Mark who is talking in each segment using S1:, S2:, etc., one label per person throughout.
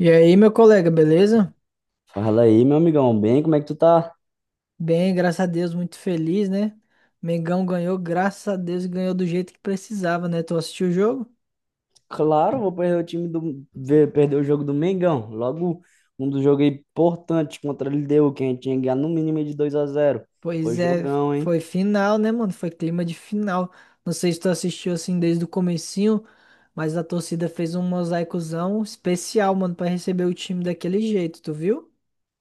S1: E aí, meu colega, beleza?
S2: Fala aí, meu amigão, bem, como é que tu tá?
S1: Bem, graças a Deus, muito feliz, né? Mengão ganhou, graças a Deus, e ganhou do jeito que precisava, né? Tu assistiu o jogo?
S2: Claro, vou perder o time perder o jogo do Mengão. Logo um dos jogos importantes contra a LDU, que a gente tinha que ganhar no mínimo de 2-0. Foi
S1: Pois é,
S2: jogão, hein?
S1: foi final, né, mano? Foi clima de final. Não sei se tu assistiu assim desde o comecinho, mas a torcida fez um mosaicozão especial, mano, pra receber o time daquele jeito, tu viu?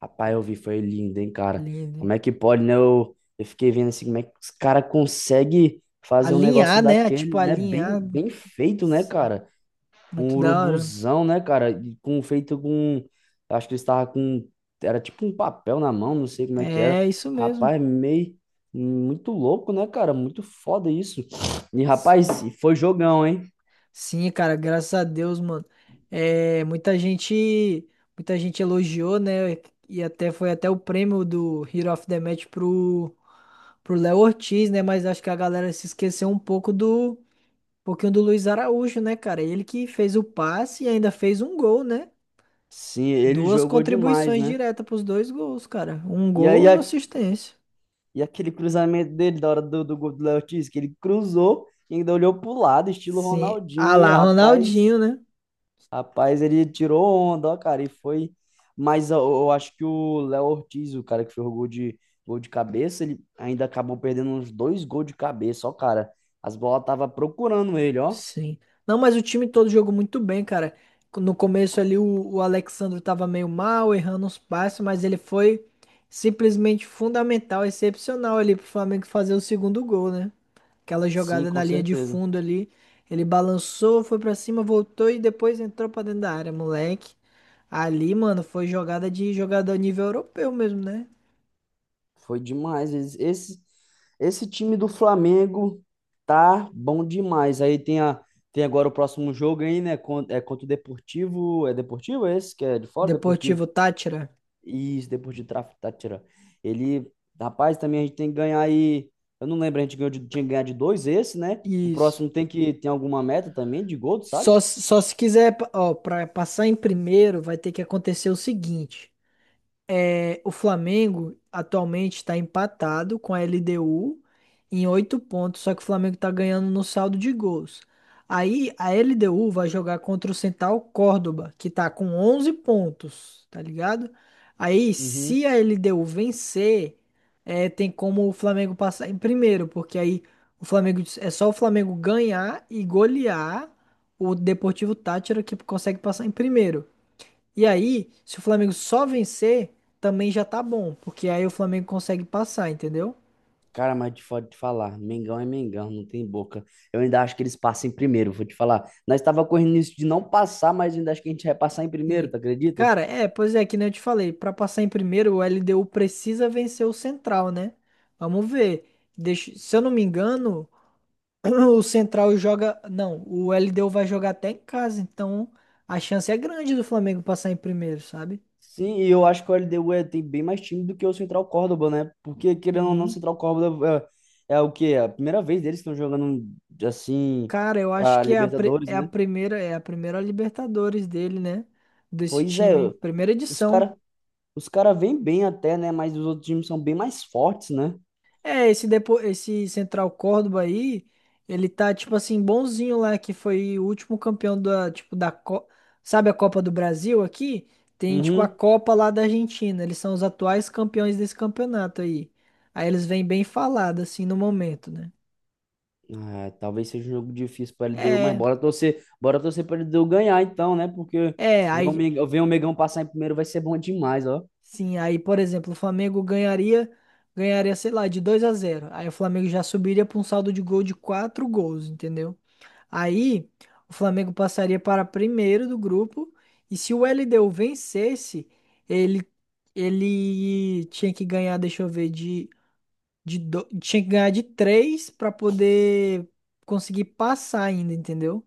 S2: Rapaz, eu vi, foi lindo, hein, cara.
S1: Lindo.
S2: Como é que pode, né? Eu fiquei vendo assim, como é que os cara consegue fazer um negócio
S1: Alinhar, né? Tipo,
S2: daquele, né? Bem,
S1: alinhar.
S2: bem feito, né,
S1: Sim,
S2: cara? Um
S1: muito da hora.
S2: urubuzão, né, cara? E com feito com. Acho que ele estava com. Era tipo um papel na mão, não sei como é que era.
S1: É isso mesmo.
S2: Rapaz, meio. Muito louco, né, cara? Muito foda isso. E, rapaz, e foi jogão, hein?
S1: Sim, cara, graças a Deus, mano. É, muita gente elogiou, né? E até foi até o prêmio do Hero of the Match pro Léo Ortiz, né? Mas acho que a galera se esqueceu um pouco do um pouquinho do Luiz Araújo, né, cara? Ele que fez o passe e ainda fez um gol, né?
S2: Sim, ele
S1: Duas
S2: jogou demais,
S1: contribuições
S2: né?
S1: diretas pros dois gols, cara. Um
S2: E
S1: gol
S2: aí,
S1: e uma assistência.
S2: e aquele cruzamento dele da hora do gol do Léo Ortiz, que ele cruzou e ainda olhou pro lado, estilo
S1: Sim. Ah
S2: Ronaldinho,
S1: lá,
S2: rapaz.
S1: Ronaldinho, né?
S2: Rapaz, ele tirou onda, ó, cara, e foi. Mas eu acho que o Léo Ortiz, o cara que fez o gol de cabeça, ele ainda acabou perdendo uns dois gols de cabeça, ó, cara. As bolas tava procurando ele, ó.
S1: Sim. Não, mas o time todo jogou muito bem, cara. No começo ali o Alexandre tava meio mal, errando uns passes, mas ele foi simplesmente fundamental, excepcional ali pro Flamengo fazer o segundo gol, né? Aquela
S2: Sim,
S1: jogada
S2: com
S1: na linha de
S2: certeza.
S1: fundo ali, ele balançou, foi pra cima, voltou e depois entrou pra dentro da área, moleque. Ali, mano, foi jogada de jogador nível europeu mesmo, né?
S2: Foi demais. Esse time do Flamengo tá bom demais. Aí tem, a, tem agora o próximo jogo aí, né? É contra o Deportivo. É Deportivo esse? Que é de fora? Deportivo.
S1: Deportivo Táchira.
S2: Isso, depois de tráfico tá tirando. Ele, rapaz, também a gente tem que ganhar aí. Eu não lembro, a gente tinha que ganhar de dois esse, né? O
S1: Isso.
S2: próximo tem que tem alguma meta também de gol, tu sabe?
S1: Só, só se quiser, ó, para passar em primeiro, vai ter que acontecer o seguinte. É, o Flamengo atualmente está empatado com a LDU em oito pontos, só que o Flamengo está ganhando no saldo de gols. Aí a LDU vai jogar contra o Central Córdoba, que tá com 11 pontos, tá ligado? Aí
S2: Uhum.
S1: se a LDU vencer, é, tem como o Flamengo passar em primeiro, porque aí o Flamengo é só o Flamengo ganhar e golear o Deportivo Táchira que consegue passar em primeiro. E aí, se o Flamengo só vencer, também já tá bom, porque aí o Flamengo consegue passar, entendeu?
S2: Cara, mas de foda de falar, Mengão é Mengão, não tem boca. Eu ainda acho que eles passam em primeiro, vou te falar. Nós estava correndo nisso de não passar, mas eu ainda acho que a gente vai passar em
S1: Sim.
S2: primeiro, tu acredita?
S1: Cara, é, pois é, que nem eu te falei, pra passar em primeiro, o LDU precisa vencer o Central, né? Vamos ver. Deixa- se eu não me engano, o Central joga. Não, o LDU vai jogar até em casa, então a chance é grande do Flamengo passar em primeiro, sabe?
S2: Sim, e eu acho que o LDU é, tem bem mais time do que o Central Córdoba, né? Porque, querendo ou não, o
S1: Sim.
S2: Central Córdoba é, é o quê? É a primeira vez deles que estão jogando, assim,
S1: Cara, eu acho
S2: pra
S1: que é a, pri-
S2: Libertadores, né?
S1: é a primeira Libertadores dele, né? Desse
S2: Pois é,
S1: time, primeira
S2: os
S1: edição.
S2: cara, os cara vêm bem até, né? Mas os outros times são bem mais fortes, né?
S1: É, esse, depo... esse Central Córdoba aí, ele tá, tipo assim, bonzinho lá, que foi o último campeão da, tipo, da Co... Sabe a Copa do Brasil aqui? Tem, tipo, a
S2: Uhum.
S1: Copa lá da Argentina. Eles são os atuais campeões desse campeonato aí. Aí eles vêm bem falados assim, no momento, né?
S2: É, talvez seja um jogo difícil para LDU, mas
S1: É,
S2: bora torcer para LDU ganhar então, né? Porque
S1: é, aí,
S2: Ver o Mengão passar em primeiro vai ser bom demais, ó.
S1: sim, aí, por exemplo, o Flamengo ganharia, ganharia, sei lá, de 2 a zero. Aí o Flamengo já subiria pra um saldo de gol de 4 gols, entendeu? Aí, o Flamengo passaria para primeiro do grupo. E se o LDU vencesse, ele, ele tinha que ganhar, deixa eu ver, de, tinha que ganhar de três para poder conseguir passar ainda, entendeu?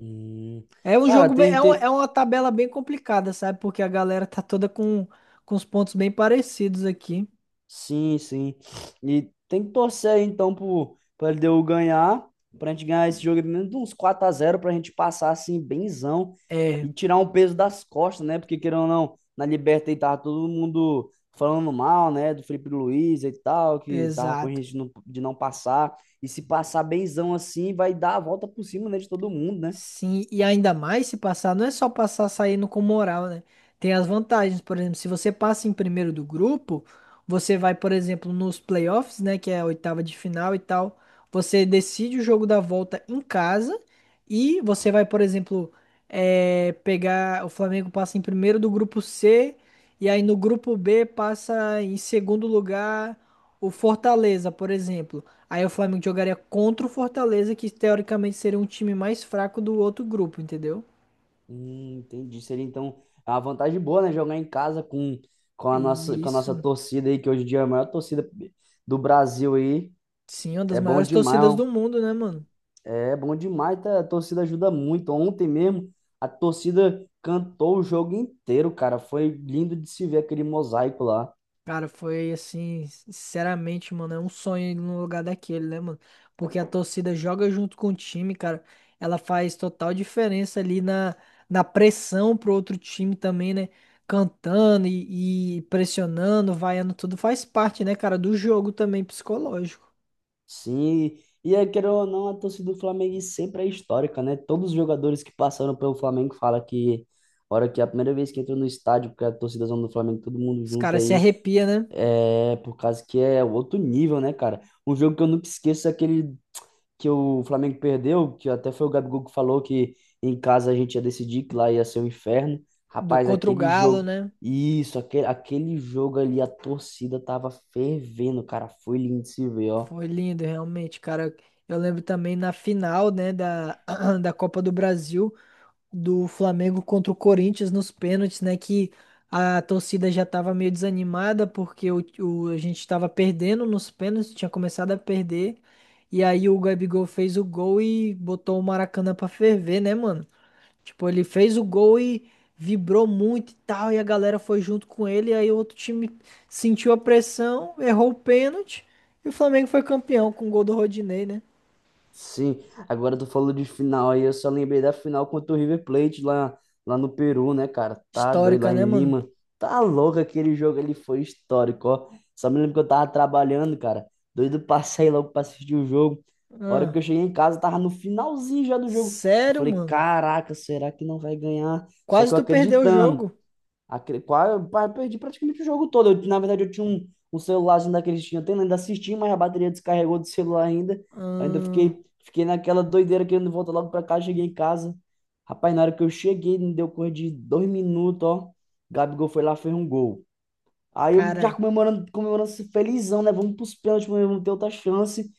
S2: Hum.
S1: É um
S2: Cara,
S1: jogo bem, é, um- é uma tabela bem complicada, sabe? Porque a galera tá toda com os pontos bem parecidos aqui.
S2: sim, sim. E tem que torcer aí, então pro LDU ganhar, pra gente ganhar esse jogo de menos de uns 4-0, pra gente passar assim, benzão
S1: É,
S2: e tirar um peso das costas, né? Porque querendo ou não, na Liberta aí tava todo mundo falando mal, né? Do Felipe Luiz e tal, que tava com
S1: exato.
S2: risco de não passar. E se passar benzão assim, vai dar a volta por cima, né? De todo mundo, né?
S1: Sim, e ainda mais se passar, não é só passar saindo com moral, né? Tem as vantagens, por exemplo, se você passa em primeiro do grupo, você vai, por exemplo, nos playoffs, né, que é a oitava de final e tal, você decide o jogo da volta em casa e você vai, por exemplo, pegar, o Flamengo passa em primeiro do grupo C e aí no grupo B passa em segundo lugar o Fortaleza, por exemplo. Aí o Flamengo jogaria contra o Fortaleza, que teoricamente seria um time mais fraco do outro grupo, entendeu?
S2: Entendi. Seria então é uma vantagem boa, né? Jogar em casa com,
S1: E
S2: com a nossa
S1: isso,
S2: torcida aí, que hoje em dia é a maior torcida do Brasil aí.
S1: sim, uma das
S2: É bom
S1: maiores
S2: demais,
S1: torcidas do
S2: ó.
S1: mundo, né, mano?
S2: É bom demais. Tá? A torcida ajuda muito. Ontem mesmo, a torcida cantou o jogo inteiro, cara. Foi lindo de se ver aquele mosaico lá.
S1: Cara, foi assim, sinceramente, mano, é um sonho ir num lugar daquele, né, mano? Porque a torcida joga junto com o time, cara. Ela faz total diferença ali na, na pressão pro outro time também, né? Cantando e pressionando, vaiando, tudo faz parte, né, cara, do jogo também psicológico.
S2: Sim, e é, queira ou não, a torcida do Flamengo sempre é histórica, né? Todos os jogadores que passaram pelo Flamengo falam que, a hora que é a primeira vez que entra no estádio, porque a torcida do Flamengo, todo mundo
S1: Os
S2: junto
S1: caras se
S2: aí.
S1: arrepiam, né?
S2: É, por causa que é outro nível, né, cara? Um jogo que eu nunca esqueço é aquele que o Flamengo perdeu, que até foi o Gabigol que falou que em casa a gente ia decidir que lá ia ser um inferno.
S1: Do
S2: Rapaz,
S1: contra o
S2: aquele
S1: Galo,
S2: jogo,
S1: né?
S2: isso, aquele, aquele jogo ali, a torcida tava fervendo, cara. Foi lindo de se ver, ó.
S1: Foi lindo, realmente, cara. Eu lembro também na final, né, da, da Copa do Brasil, do Flamengo contra o Corinthians nos pênaltis, né, que a torcida já tava meio desanimada porque a gente tava perdendo nos pênaltis, tinha começado a perder. E aí o Gabigol fez o gol e botou o Maracanã pra ferver, né, mano? Tipo, ele fez o gol e vibrou muito e tal, e a galera foi junto com ele, e aí o outro time sentiu a pressão, errou o pênalti, e o Flamengo foi campeão com o gol do Rodinei, né?
S2: Sim, agora tu falou de final aí, eu só lembrei da final contra o River Plate lá no Peru, né, cara? Tá doido
S1: Histórica,
S2: lá
S1: né,
S2: em
S1: mano?
S2: Lima. Tá louco aquele jogo ali, foi histórico, ó. Só me lembro que eu tava trabalhando, cara. Doido pra sair logo pra assistir o jogo. A hora
S1: Ah,
S2: que eu cheguei em casa, tava no finalzinho já do jogo. Eu
S1: sério,
S2: falei,
S1: mano?
S2: caraca, será que não vai ganhar? Só
S1: Quase
S2: que eu
S1: tu perdeu o
S2: acreditando.
S1: jogo?
S2: Aquele, quase, perdi praticamente o jogo todo. Eu, na verdade, eu tinha um celularzinho daqueles que tinha tendo, ainda assisti, mas a bateria descarregou do celular ainda. Ainda
S1: Ah,
S2: fiquei naquela doideira querendo voltar logo pra casa, cheguei em casa. Rapaz, na hora que eu cheguei, não deu coisa de dois minutos, ó. Gabigol foi lá, fez um gol. Aí eu já
S1: cara,
S2: comemorando, comemorando assim, felizão, né? Vamos pros pênaltis, mas vamos ter outra chance.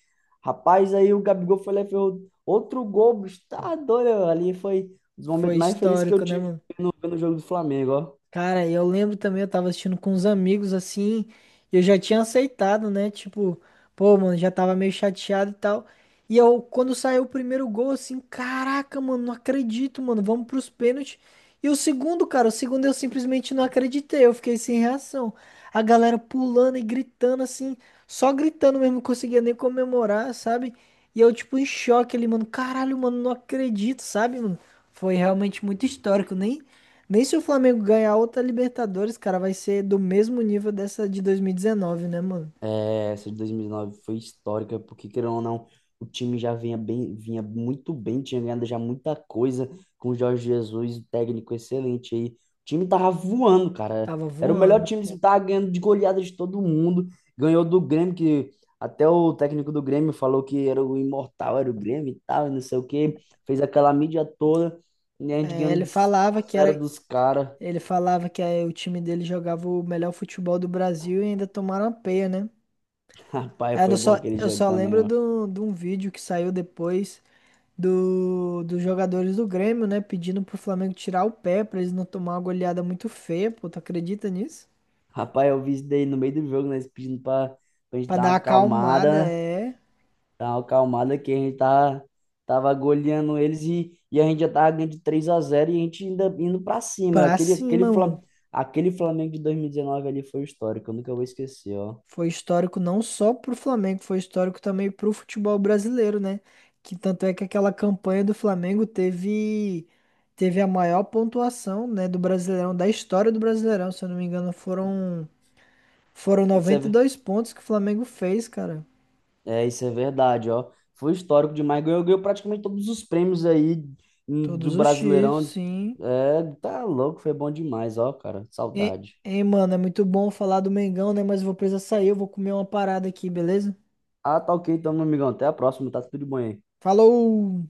S2: Rapaz, aí o Gabigol foi lá e fez outro gol, bicho. Tá doido, ali foi um dos
S1: foi
S2: momentos mais felizes que eu
S1: histórico, né,
S2: tive
S1: mano?
S2: no jogo do Flamengo, ó.
S1: Cara, eu lembro também, eu tava assistindo com uns amigos assim, e eu já tinha aceitado, né? Tipo, pô, mano, já tava meio chateado e tal. E eu, quando saiu o primeiro gol, assim, caraca, mano, não acredito, mano, vamos pros pênaltis. E o segundo, cara, o segundo eu simplesmente não acreditei, eu fiquei sem reação. A galera pulando e gritando, assim, só gritando mesmo, não conseguia nem comemorar, sabe? E eu, tipo, em choque ali, mano, caralho, mano, não acredito, sabe, mano? Foi realmente muito histórico, nem. Nem se o Flamengo ganhar outra Libertadores, cara, vai ser do mesmo nível dessa de 2019, né, mano?
S2: É, essa de 2009 foi histórica, porque, querendo ou não, o time já vinha bem, vinha muito bem, tinha ganhado já muita coisa com o Jorge Jesus, um técnico excelente aí. O time tava voando, cara.
S1: Tava
S2: Era o melhor
S1: voando.
S2: time, que tava ganhando de goleada de todo mundo. Ganhou do Grêmio, que até o técnico do Grêmio falou que era o imortal, era o Grêmio e tal, e não sei o quê. Fez aquela mídia toda, e a gente
S1: É,
S2: ganhando
S1: ele
S2: de 5
S1: falava
S2: a
S1: que
S2: 0
S1: era,
S2: dos caras.
S1: ele falava que é, o time dele jogava o melhor futebol do Brasil e ainda tomaram a peia, né?
S2: Rapaz,
S1: Aí
S2: foi
S1: eu
S2: bom
S1: só,
S2: aquele
S1: eu
S2: jogo
S1: só
S2: também,
S1: lembro
S2: ó.
S1: de um vídeo que saiu depois do, dos jogadores do Grêmio, né? Pedindo pro Flamengo tirar o pé pra eles não tomar uma goleada muito feia, pô. Tu acredita nisso?
S2: Rapaz, eu vi isso daí no meio do jogo, né? Pedindo pra gente
S1: Pra
S2: dar
S1: dar
S2: uma
S1: uma
S2: acalmada,
S1: acalmada,
S2: né?
S1: é.
S2: Dar uma acalmada que a gente tava goleando eles e a gente já tava ganhando de 3-0 e a gente ainda indo pra cima.
S1: Pra cima, mano.
S2: Aquele Flamengo de 2019 ali foi histórico, eu nunca vou esquecer, ó.
S1: Foi histórico não só pro Flamengo, foi histórico também pro futebol brasileiro, né? Que tanto é que aquela campanha do Flamengo teve teve a maior pontuação, né, do Brasileirão, da história do Brasileirão, se eu não me engano, foram foram
S2: Isso é,
S1: noventa e dois pontos que o Flamengo fez, cara.
S2: é, isso é verdade, ó. Foi histórico demais. Ganhou praticamente todos os prêmios aí do
S1: Todos os títulos,
S2: Brasileirão.
S1: sim.
S2: É, tá louco, foi bom demais, ó, cara. Saudade.
S1: E, mano, é muito bom falar do Mengão, né, mas eu vou precisar sair, eu vou comer uma parada aqui, beleza?
S2: Ah, tá ok, então, meu amigão. Até a próxima, tá tudo de bom aí.
S1: Falou!